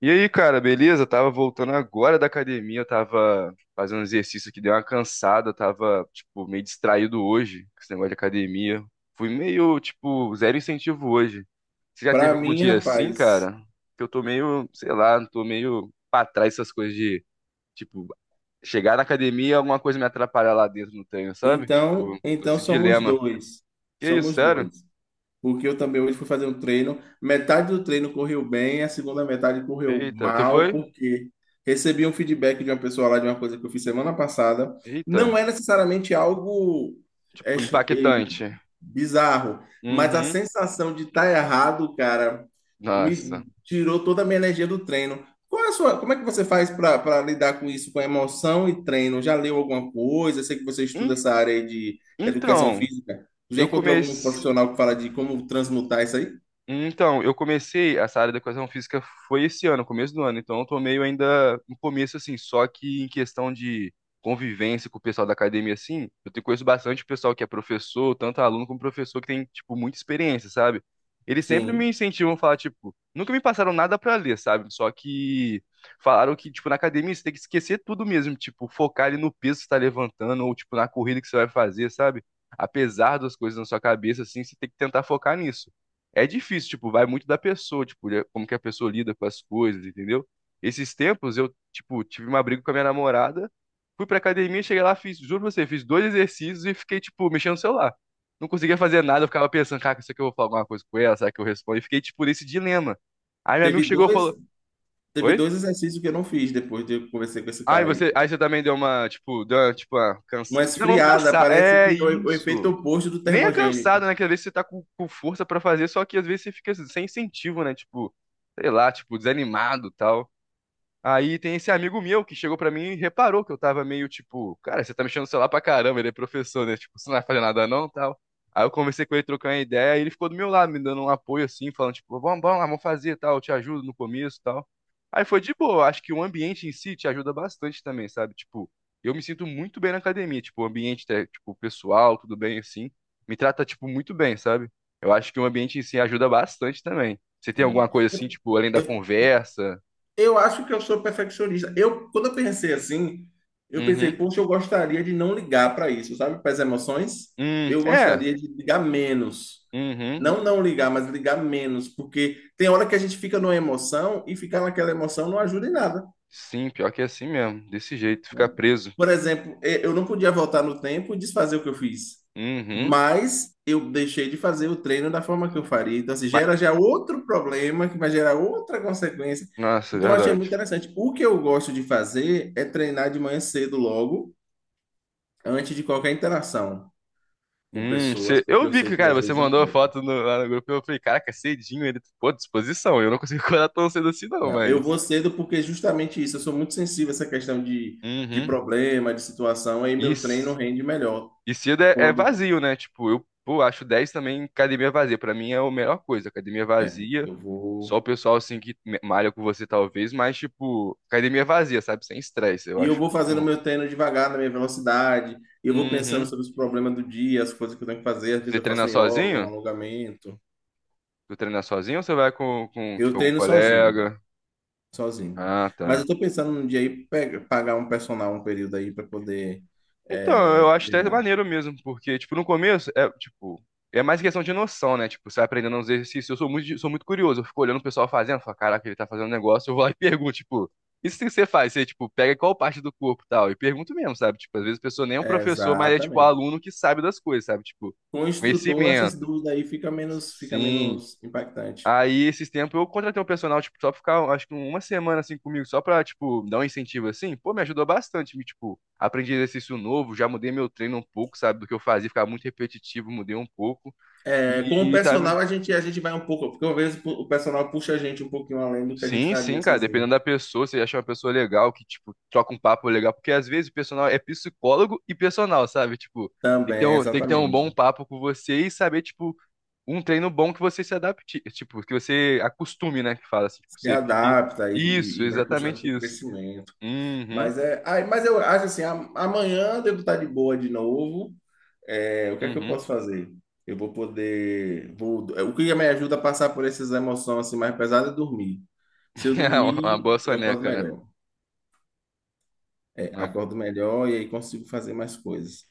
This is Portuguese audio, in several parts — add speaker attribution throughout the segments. Speaker 1: E aí, cara, beleza? Tava voltando agora da academia, eu tava fazendo um exercício que deu uma cansada, tava, tipo, meio distraído hoje com esse negócio de academia. Fui meio, tipo, zero incentivo hoje. Você já teve
Speaker 2: Para
Speaker 1: algum
Speaker 2: mim,
Speaker 1: dia assim,
Speaker 2: rapaz,
Speaker 1: cara? Que eu tô meio, sei lá, tô meio pra trás essas coisas de, tipo, chegar na academia e alguma coisa me atrapalhar lá dentro no treino, sabe?
Speaker 2: então,
Speaker 1: Tipo,
Speaker 2: então
Speaker 1: esse
Speaker 2: somos
Speaker 1: dilema.
Speaker 2: dois.
Speaker 1: Que isso,
Speaker 2: Somos
Speaker 1: sério?
Speaker 2: dois. Porque eu também hoje fui fazer um treino, metade do treino correu bem, a segunda metade correu
Speaker 1: Eita, tu
Speaker 2: mal,
Speaker 1: foi?
Speaker 2: porque recebi um feedback de uma pessoa lá de uma coisa que eu fiz semana passada. Não
Speaker 1: Eita,
Speaker 2: é necessariamente algo é,
Speaker 1: tipo, impactante.
Speaker 2: bizarro. Mas a
Speaker 1: Uhum.
Speaker 2: sensação de estar errado, cara, me
Speaker 1: Nossa.
Speaker 2: tirou toda a minha energia do treino. Qual é a sua, como é que você faz para lidar com isso, com emoção e treino? Já leu alguma coisa? Eu sei que você estuda essa área aí de educação
Speaker 1: Então,
Speaker 2: física. Já
Speaker 1: eu
Speaker 2: encontrou algum
Speaker 1: comecei.
Speaker 2: profissional que fala de como transmutar isso aí?
Speaker 1: Então, eu comecei essa área da educação física foi esse ano, começo do ano. Então, eu tô meio ainda no começo, assim. Só que em questão de convivência com o pessoal da academia, assim, eu te conheço bastante pessoal que é professor, tanto aluno como professor, que tem, tipo, muita experiência, sabe? Eles sempre me
Speaker 2: Sim.
Speaker 1: incentivam a falar, tipo, nunca me passaram nada pra ler, sabe? Só que falaram que, tipo, na academia você tem que esquecer tudo mesmo, tipo, focar ali no peso que você tá levantando ou, tipo, na corrida que você vai fazer, sabe? Apesar das coisas na sua cabeça, assim, você tem que tentar focar nisso. É difícil, tipo, vai muito da pessoa, tipo, como que a pessoa lida com as coisas, entendeu? Esses tempos eu, tipo, tive uma briga com a minha namorada, fui pra academia, cheguei lá, fiz, juro pra você, fiz dois exercícios e fiquei, tipo, mexendo no celular. Não conseguia fazer nada, eu ficava pensando, cara, será que eu vou falar alguma coisa com ela? Será que eu respondo? E fiquei, tipo, nesse dilema. Aí meu amigo
Speaker 2: Teve
Speaker 1: chegou e
Speaker 2: dois,
Speaker 1: falou,
Speaker 2: teve
Speaker 1: oi?
Speaker 2: dois exercícios que eu não fiz depois de eu conversar com esse
Speaker 1: Aí
Speaker 2: cara aí.
Speaker 1: você, aí você também deu uma, tipo,
Speaker 2: Uma
Speaker 1: Não, vamos
Speaker 2: esfriada,
Speaker 1: cansar.
Speaker 2: parece
Speaker 1: É
Speaker 2: que é o efeito
Speaker 1: isso.
Speaker 2: oposto do
Speaker 1: Nem é cansado,
Speaker 2: termogênico.
Speaker 1: né? Que às vezes você tá com força pra fazer, só que às vezes você fica sem incentivo, né? Tipo, sei lá, tipo, desanimado e tal. Aí tem esse amigo meu que chegou pra mim e reparou que eu tava meio tipo, cara, você tá mexendo no celular pra caramba, ele é professor, né? Tipo, você não vai fazer nada não, tal. Aí eu conversei com ele, trocando uma ideia, e ele ficou do meu lado, me dando um apoio assim, falando tipo, vamos, vamos lá, vamos fazer, tal, eu te ajudo no começo, tal. Aí foi de boa, acho que o ambiente em si te ajuda bastante também, sabe? Tipo, eu me sinto muito bem na academia, tipo, o ambiente, é, tipo, pessoal, tudo bem assim, me trata tipo muito bem, sabe? Eu acho que o ambiente em si ajuda bastante também. Você tem alguma
Speaker 2: Sim.
Speaker 1: coisa assim, tipo, além da
Speaker 2: Eu
Speaker 1: conversa?
Speaker 2: Eu acho que eu sou perfeccionista. Eu, quando eu pensei assim, eu pensei,
Speaker 1: Uhum.
Speaker 2: poxa, eu gostaria de não ligar para isso, sabe? Para as emoções, eu
Speaker 1: É.
Speaker 2: gostaria de ligar menos.
Speaker 1: Uhum.
Speaker 2: Não não ligar, mas ligar menos, porque tem hora que a gente fica numa emoção e ficar naquela emoção não ajuda em nada,
Speaker 1: Sim, pior que é assim mesmo. Desse jeito, ficar
Speaker 2: né?
Speaker 1: preso.
Speaker 2: Por exemplo, eu não podia voltar no tempo e desfazer o que eu fiz,
Speaker 1: Uhum.
Speaker 2: mas eu deixei de fazer o treino da forma que eu faria. Então, assim,
Speaker 1: Ma-
Speaker 2: gera já outro problema que vai gerar outra consequência.
Speaker 1: Nossa, é
Speaker 2: Então, eu achei muito
Speaker 1: verdade.
Speaker 2: interessante. O que eu gosto de fazer é treinar de manhã cedo logo, antes de qualquer interação com pessoas, porque
Speaker 1: Eu
Speaker 2: eu
Speaker 1: vi
Speaker 2: sei
Speaker 1: que,
Speaker 2: que
Speaker 1: cara,
Speaker 2: às
Speaker 1: você
Speaker 2: vezes
Speaker 1: mandou a
Speaker 2: afeta.
Speaker 1: foto lá no grupo. Eu falei, caraca, cedinho ele, pô, disposição. Eu não consigo acordar tão cedo assim, não,
Speaker 2: Não, eu
Speaker 1: mas.
Speaker 2: vou cedo porque justamente isso, eu sou muito sensível a essa questão de
Speaker 1: Uhum.
Speaker 2: problema, de situação, aí
Speaker 1: E,
Speaker 2: meu treino
Speaker 1: c-
Speaker 2: rende melhor.
Speaker 1: e cedo é,
Speaker 2: Quando
Speaker 1: vazio, né? Tipo, eu, pô, acho 10 também academia vazia. Pra mim é a melhor coisa. Academia
Speaker 2: é,
Speaker 1: vazia,
Speaker 2: eu
Speaker 1: só
Speaker 2: vou
Speaker 1: o pessoal assim que malha com você, talvez, mas, tipo, academia vazia, sabe? Sem estresse, eu
Speaker 2: E eu
Speaker 1: acho.
Speaker 2: vou fazendo
Speaker 1: Bom.
Speaker 2: meu treino devagar, na minha velocidade. Eu vou pensando
Speaker 1: Uhum.
Speaker 2: sobre os problemas do dia, as coisas que eu tenho que fazer. Às vezes
Speaker 1: Você
Speaker 2: eu faço
Speaker 1: treina
Speaker 2: um yoga, um
Speaker 1: sozinho?
Speaker 2: alongamento.
Speaker 1: Tu treina sozinho ou você vai com,
Speaker 2: Eu
Speaker 1: tipo, algum
Speaker 2: treino sozinho,
Speaker 1: colega?
Speaker 2: sozinho.
Speaker 1: Ah,
Speaker 2: Mas
Speaker 1: tá.
Speaker 2: eu tô pensando num dia aí pagar um personal um período aí para poder
Speaker 1: Então, eu acho até
Speaker 2: treinar.
Speaker 1: maneiro mesmo, porque, tipo, no começo, é, tipo, é mais questão de noção, né? Tipo, você vai aprendendo uns exercícios. Eu sou muito curioso, eu fico olhando o pessoal fazendo, falo, caraca, ele tá fazendo um negócio, eu vou lá e pergunto, tipo, isso que você faz? Você, tipo, pega qual parte do corpo e tal, e pergunto mesmo, sabe? Tipo, às vezes a pessoa nem é um
Speaker 2: É,
Speaker 1: professor, mas é, tipo,
Speaker 2: exatamente.
Speaker 1: aluno que sabe das coisas, sabe? Tipo,
Speaker 2: Com o instrutor, essas
Speaker 1: conhecimento.
Speaker 2: dúvidas aí fica
Speaker 1: Sim.
Speaker 2: menos impactante.
Speaker 1: Aí, esses tempos, eu contratei um personal, tipo, só pra ficar, acho que uma semana, assim, comigo, só pra, tipo, dar um incentivo, assim. Pô, me ajudou bastante, me, tipo, aprendi exercício novo, já mudei meu treino um pouco, sabe, do que eu fazia, ficava muito repetitivo, mudei um pouco.
Speaker 2: É, com o
Speaker 1: E, tá...
Speaker 2: personal a gente vai um pouco, porque às vezes o personal puxa a gente um pouquinho além do que a gente
Speaker 1: Sim,
Speaker 2: faria
Speaker 1: sim, cara,
Speaker 2: sozinho.
Speaker 1: dependendo da pessoa, você acha uma pessoa legal, que, tipo, troca um papo legal, porque às vezes o personal é psicólogo e personal, sabe, tipo. Tem que ter
Speaker 2: Também,
Speaker 1: um, tem que ter um bom
Speaker 2: exatamente.
Speaker 1: papo com você e saber, tipo, um treino bom que você se adapte, tipo, que você acostume, né? Que fala assim, que
Speaker 2: Se
Speaker 1: você fique.
Speaker 2: adapta e,
Speaker 1: Isso,
Speaker 2: e- e vai puxando
Speaker 1: exatamente
Speaker 2: para o
Speaker 1: isso.
Speaker 2: crescimento.
Speaker 1: Uhum,
Speaker 2: Mas mas eu acho assim, amanhã eu devo estar de boa de novo. É, o que é que eu
Speaker 1: uhum.
Speaker 2: posso fazer? Eu vou poder, vou, o que me ajuda a passar por essas emoções assim mais pesadas é dormir. Se eu
Speaker 1: É uma
Speaker 2: dormir,
Speaker 1: boa
Speaker 2: eu acordo
Speaker 1: soneca, né?
Speaker 2: melhor. É,
Speaker 1: Uma...
Speaker 2: acordo melhor e aí consigo fazer mais coisas.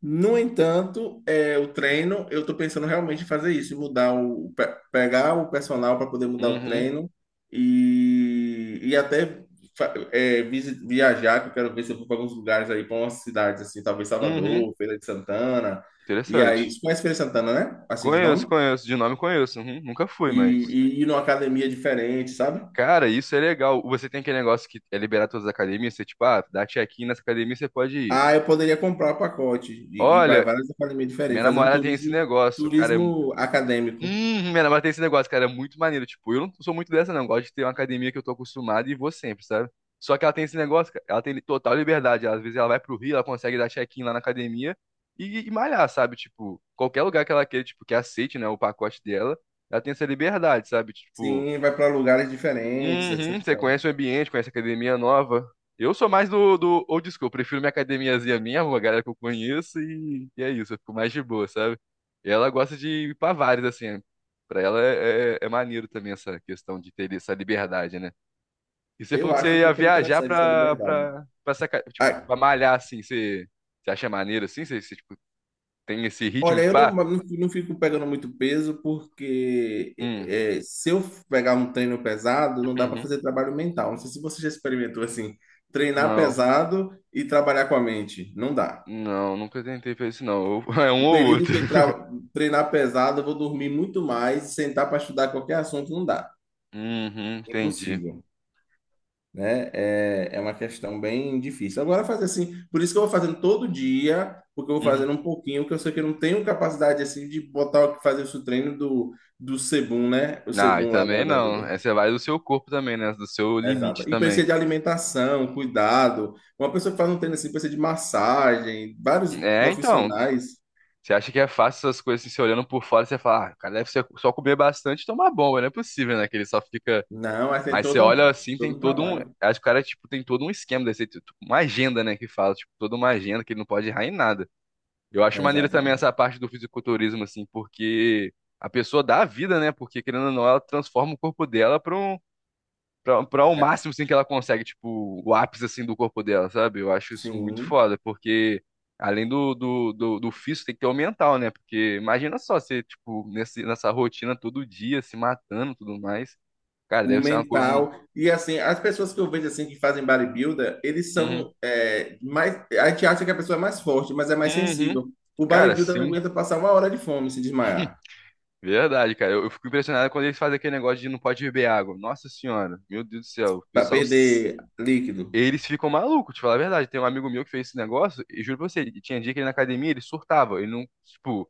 Speaker 2: No entanto, o treino, eu estou pensando realmente em fazer isso, mudar pegar o personal para poder mudar o
Speaker 1: Uhum,
Speaker 2: treino e até viajar, que eu quero ver se eu vou para alguns lugares aí, para umas cidades assim, talvez
Speaker 1: uhum.
Speaker 2: Salvador, Feira de Santana, e aí,
Speaker 1: Interessante.
Speaker 2: você conhece Feira de Santana, né? Assim de
Speaker 1: Conheço,
Speaker 2: nome?
Speaker 1: conheço. De nome conheço. Uhum. Nunca fui,
Speaker 2: E,
Speaker 1: mas.
Speaker 2: e ir numa academia diferente, sabe?
Speaker 1: Cara, isso é legal. Você tem aquele negócio que é liberar todas as academias, você, tipo, ah, dá check-in nessa academia, você pode ir.
Speaker 2: Ah, eu poderia comprar o pacote e ir para
Speaker 1: Olha,
Speaker 2: várias academias
Speaker 1: minha
Speaker 2: diferentes, fazer um
Speaker 1: namorada tem esse
Speaker 2: turismo,
Speaker 1: negócio, cara, é
Speaker 2: turismo acadêmico.
Speaker 1: Minha namorada tem esse negócio, cara, é muito maneiro. Tipo, eu não sou muito dessa, não. Eu gosto de ter uma academia que eu tô acostumado e vou sempre, sabe? Só que ela tem esse negócio, cara, ela tem total liberdade. Às vezes ela vai pro Rio, ela consegue dar check-in lá na academia e malhar, sabe? Tipo, qualquer lugar que ela queira, tipo, que aceite, né, o pacote dela, ela tem essa liberdade, sabe? Tipo,
Speaker 2: Sim, vai para lugares diferentes,
Speaker 1: uhum,
Speaker 2: etc. e
Speaker 1: você
Speaker 2: tal.
Speaker 1: conhece o ambiente, conhece a academia nova. Eu sou mais do old school, prefiro minha academiazinha minha, uma galera que eu conheço e é isso, eu fico mais de boa, sabe? E ela gosta de ir pra vários, assim, né? Pra ela é maneiro também essa questão de ter essa liberdade, né? E você
Speaker 2: Eu
Speaker 1: falou que
Speaker 2: acho
Speaker 1: você ia
Speaker 2: super
Speaker 1: viajar
Speaker 2: interessante essa
Speaker 1: pra,
Speaker 2: liberdade.
Speaker 1: pra, pra, essa tipo,
Speaker 2: Ah,
Speaker 1: pra malhar, assim, você acha maneiro, assim? Você, tipo, tem esse ritmo
Speaker 2: olha,
Speaker 1: de
Speaker 2: eu não,
Speaker 1: pá?
Speaker 2: não, não fico pegando muito peso, porque
Speaker 1: Hum,
Speaker 2: se eu pegar um treino pesado, não dá para
Speaker 1: uhum.
Speaker 2: fazer trabalho mental. Não sei se você já experimentou assim, treinar
Speaker 1: Não,
Speaker 2: pesado e trabalhar com a mente. Não dá.
Speaker 1: não, nunca tentei fazer isso, não. É um
Speaker 2: O
Speaker 1: ou
Speaker 2: período
Speaker 1: outro.
Speaker 2: que eu treinar pesado, eu vou dormir muito mais, sentar para estudar qualquer assunto, não dá.
Speaker 1: Uhum, entendi.
Speaker 2: Impossível. Né? É, é uma questão bem difícil. Agora, fazer assim, por isso que eu vou fazendo todo dia, porque eu vou
Speaker 1: Uhum.
Speaker 2: fazendo um pouquinho, que eu sei que eu não tenho capacidade, assim, de botar, o que fazer esse treino do Sebum, né? O
Speaker 1: Ah, e
Speaker 2: Sebum lá da...
Speaker 1: também
Speaker 2: da- do-
Speaker 1: não. É,
Speaker 2: do-
Speaker 1: você vai do seu corpo também, né? Do seu
Speaker 2: Exato.
Speaker 1: limite
Speaker 2: E
Speaker 1: também.
Speaker 2: precisa de alimentação, cuidado. Uma pessoa que faz um treino assim, precisa de massagem, vários
Speaker 1: É, então.
Speaker 2: profissionais.
Speaker 1: Você acha que é fácil essas coisas, assim, você olhando por fora, você fala, ah, o cara deve ser só comer bastante e tomar bomba, não é possível, né? Que ele só fica.
Speaker 2: Não, mas tem
Speaker 1: Mas você olha
Speaker 2: todo,
Speaker 1: assim, tem
Speaker 2: todo um
Speaker 1: todo um.
Speaker 2: trabalho.
Speaker 1: Acho que o cara, tipo, tem todo um esquema desse, tipo, uma agenda, né? Que fala, tipo, toda uma agenda que ele não pode errar em nada. Eu acho maneiro também
Speaker 2: Exatamente.
Speaker 1: essa parte do fisiculturismo, assim, porque a pessoa dá a vida, né? Porque, querendo ou não, ela transforma o corpo dela pra o
Speaker 2: É,
Speaker 1: máximo assim, que ela consegue, tipo, o ápice assim do corpo dela, sabe? Eu acho isso muito
Speaker 2: Sim.
Speaker 1: foda, porque além do físico, tem que ter o mental, né? Porque imagina só você, tipo, nessa rotina todo dia, se matando e tudo mais. Cara,
Speaker 2: O
Speaker 1: deve ser uma coisa.
Speaker 2: mental. E assim, as pessoas que eu vejo assim que fazem bodybuilder, eles
Speaker 1: Uhum.
Speaker 2: são mais. A gente acha que a pessoa é mais forte, mas é mais
Speaker 1: Uhum.
Speaker 2: sensível. O
Speaker 1: Cara,
Speaker 2: bodybuilder não
Speaker 1: sim.
Speaker 2: aguenta passar uma hora de fome e se desmaiar,
Speaker 1: Verdade, cara. Eu fico impressionado quando eles fazem aquele negócio de não pode beber água. Nossa senhora, meu Deus do céu. O
Speaker 2: para
Speaker 1: pessoal
Speaker 2: perder líquido,
Speaker 1: eles ficam malucos, te falar a verdade. Tem um amigo meu que fez esse negócio, e juro pra você, tinha dia que ele na academia, ele surtava, ele não, tipo,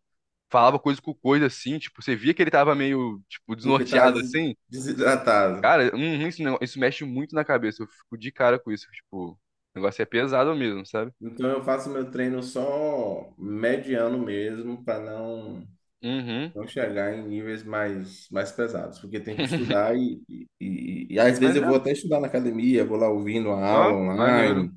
Speaker 1: falava coisa com coisa assim, tipo, você via que ele tava meio, tipo,
Speaker 2: porque
Speaker 1: desnorteado assim.
Speaker 2: desidratado.
Speaker 1: Cara, isso, não- isso mexe muito na cabeça, eu fico de cara com isso, tipo, o negócio é pesado mesmo, sabe?
Speaker 2: Então eu faço meu treino só mediano mesmo, para não.
Speaker 1: Uhum.
Speaker 2: Não chegar em níveis mais, mais pesados, porque tem que estudar e às vezes
Speaker 1: Mas
Speaker 2: eu
Speaker 1: é,
Speaker 2: vou até estudar na academia, vou lá ouvindo a aula
Speaker 1: ó, maneiro.
Speaker 2: online,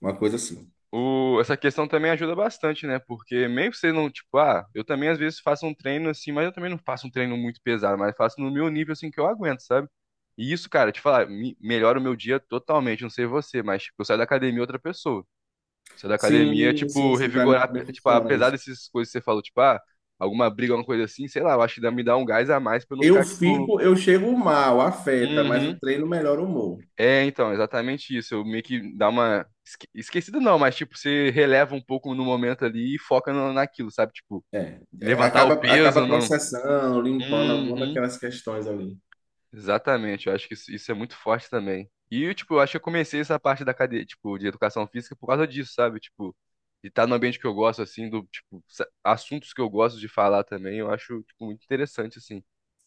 Speaker 2: uma coisa assim.
Speaker 1: O, essa questão também ajuda bastante, né? Porque meio que você não, tipo, ah, eu também às vezes faço um treino assim, mas eu também não faço um treino muito pesado, mas faço no meu nível assim que eu aguento, sabe? E isso, cara, te falar, melhora o meu dia totalmente, não sei você, mas tipo, eu saio da academia outra pessoa. Saio da academia, é,
Speaker 2: Sim, sim,
Speaker 1: tipo,
Speaker 2: sim, para mim
Speaker 1: revigorar,
Speaker 2: também
Speaker 1: é, tipo,
Speaker 2: funciona
Speaker 1: apesar
Speaker 2: isso.
Speaker 1: dessas coisas que você falou, tipo, ah, alguma briga, alguma coisa assim, sei lá, eu acho que me dá um gás a mais pra eu não
Speaker 2: Eu
Speaker 1: ficar, tipo,
Speaker 2: fico, eu chego mal, afeta, mas o
Speaker 1: uhum,
Speaker 2: treino melhora o humor.
Speaker 1: é, então, exatamente isso. Eu meio que dá uma esquecido não, mas tipo, você releva um pouco no momento ali e foca naquilo, sabe? Tipo, levantar o
Speaker 2: Acaba, acaba
Speaker 1: peso no.
Speaker 2: processando, limpando alguma
Speaker 1: Uhum.
Speaker 2: daquelas questões ali.
Speaker 1: Exatamente, eu acho que isso é muito forte também. E, tipo, eu acho que eu comecei essa parte da cadeia, tipo, de educação física por causa disso, sabe? Tipo, de estar no ambiente que eu gosto, assim, do, tipo, assuntos que eu gosto de falar também, eu acho, tipo, muito interessante, assim.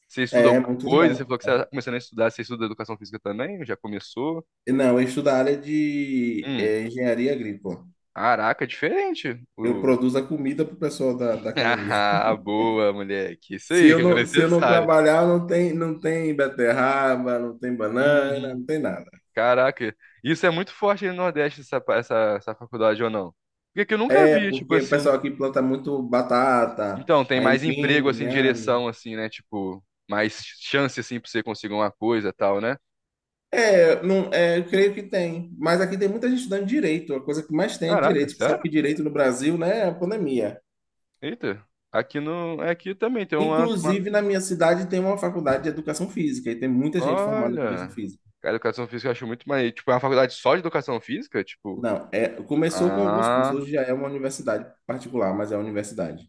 Speaker 1: Você estuda
Speaker 2: É,
Speaker 1: alguma
Speaker 2: muito
Speaker 1: coisa? Você
Speaker 2: legal.
Speaker 1: falou que você tá começando a estudar, você estuda educação física também? Já começou?
Speaker 2: Não, eu estudo a área de
Speaker 1: Hum.
Speaker 2: engenharia agrícola.
Speaker 1: Caraca, diferente.
Speaker 2: Eu produzo a comida para o pessoal da academia.
Speaker 1: Ah, boa, moleque. Isso aí que era
Speaker 2: Se eu não
Speaker 1: necessário.
Speaker 2: trabalhar, não tem, não tem beterraba, não tem banana,
Speaker 1: Uhum.
Speaker 2: não tem nada.
Speaker 1: Caraca, isso é muito forte aí no Nordeste, essa faculdade ou não? Porque que eu nunca
Speaker 2: É,
Speaker 1: vi, tipo
Speaker 2: porque o
Speaker 1: assim.
Speaker 2: pessoal aqui planta muito batata,
Speaker 1: Então, tem mais emprego,
Speaker 2: aipim.
Speaker 1: assim, direção, assim, né? Tipo, mais chance, assim, pra você conseguir uma coisa tal, né?
Speaker 2: É, não, é, eu creio que tem. Mas aqui tem muita gente estudando direito. A coisa que mais tem é
Speaker 1: Caraca,
Speaker 2: direito. Você sabe que
Speaker 1: sério?
Speaker 2: direito no Brasil, né, é a pandemia.
Speaker 1: Eita. Aqui no. Aqui também tem uma.
Speaker 2: Inclusive, na minha cidade tem uma faculdade de educação física e tem muita gente formada em educação
Speaker 1: Olha.
Speaker 2: física.
Speaker 1: Cara, educação física eu acho muito mais. Tipo, é uma faculdade só de educação física? Tipo.
Speaker 2: Não, é, começou com alguns cursos,
Speaker 1: Ah.
Speaker 2: hoje já é uma universidade particular, mas é uma universidade.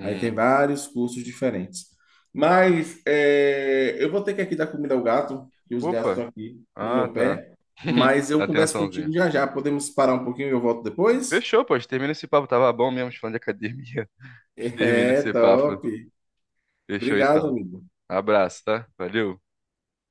Speaker 2: Aí tem vários cursos diferentes. Mas é, eu vou ter que aqui dar comida ao gato, que os gatos
Speaker 1: Opa,
Speaker 2: estão aqui no
Speaker 1: ah,
Speaker 2: meu
Speaker 1: tá.
Speaker 2: pé. Mas eu converso contigo
Speaker 1: Atençãozinha.
Speaker 2: já já. Podemos parar um pouquinho e eu volto depois?
Speaker 1: Fechou, pô, a gente termina esse papo. Tava bom mesmo, falando de academia. A gente termina
Speaker 2: É,
Speaker 1: esse
Speaker 2: top.
Speaker 1: papo. Fechou
Speaker 2: Obrigado,
Speaker 1: então.
Speaker 2: amigo.
Speaker 1: Abraço, tá? Valeu.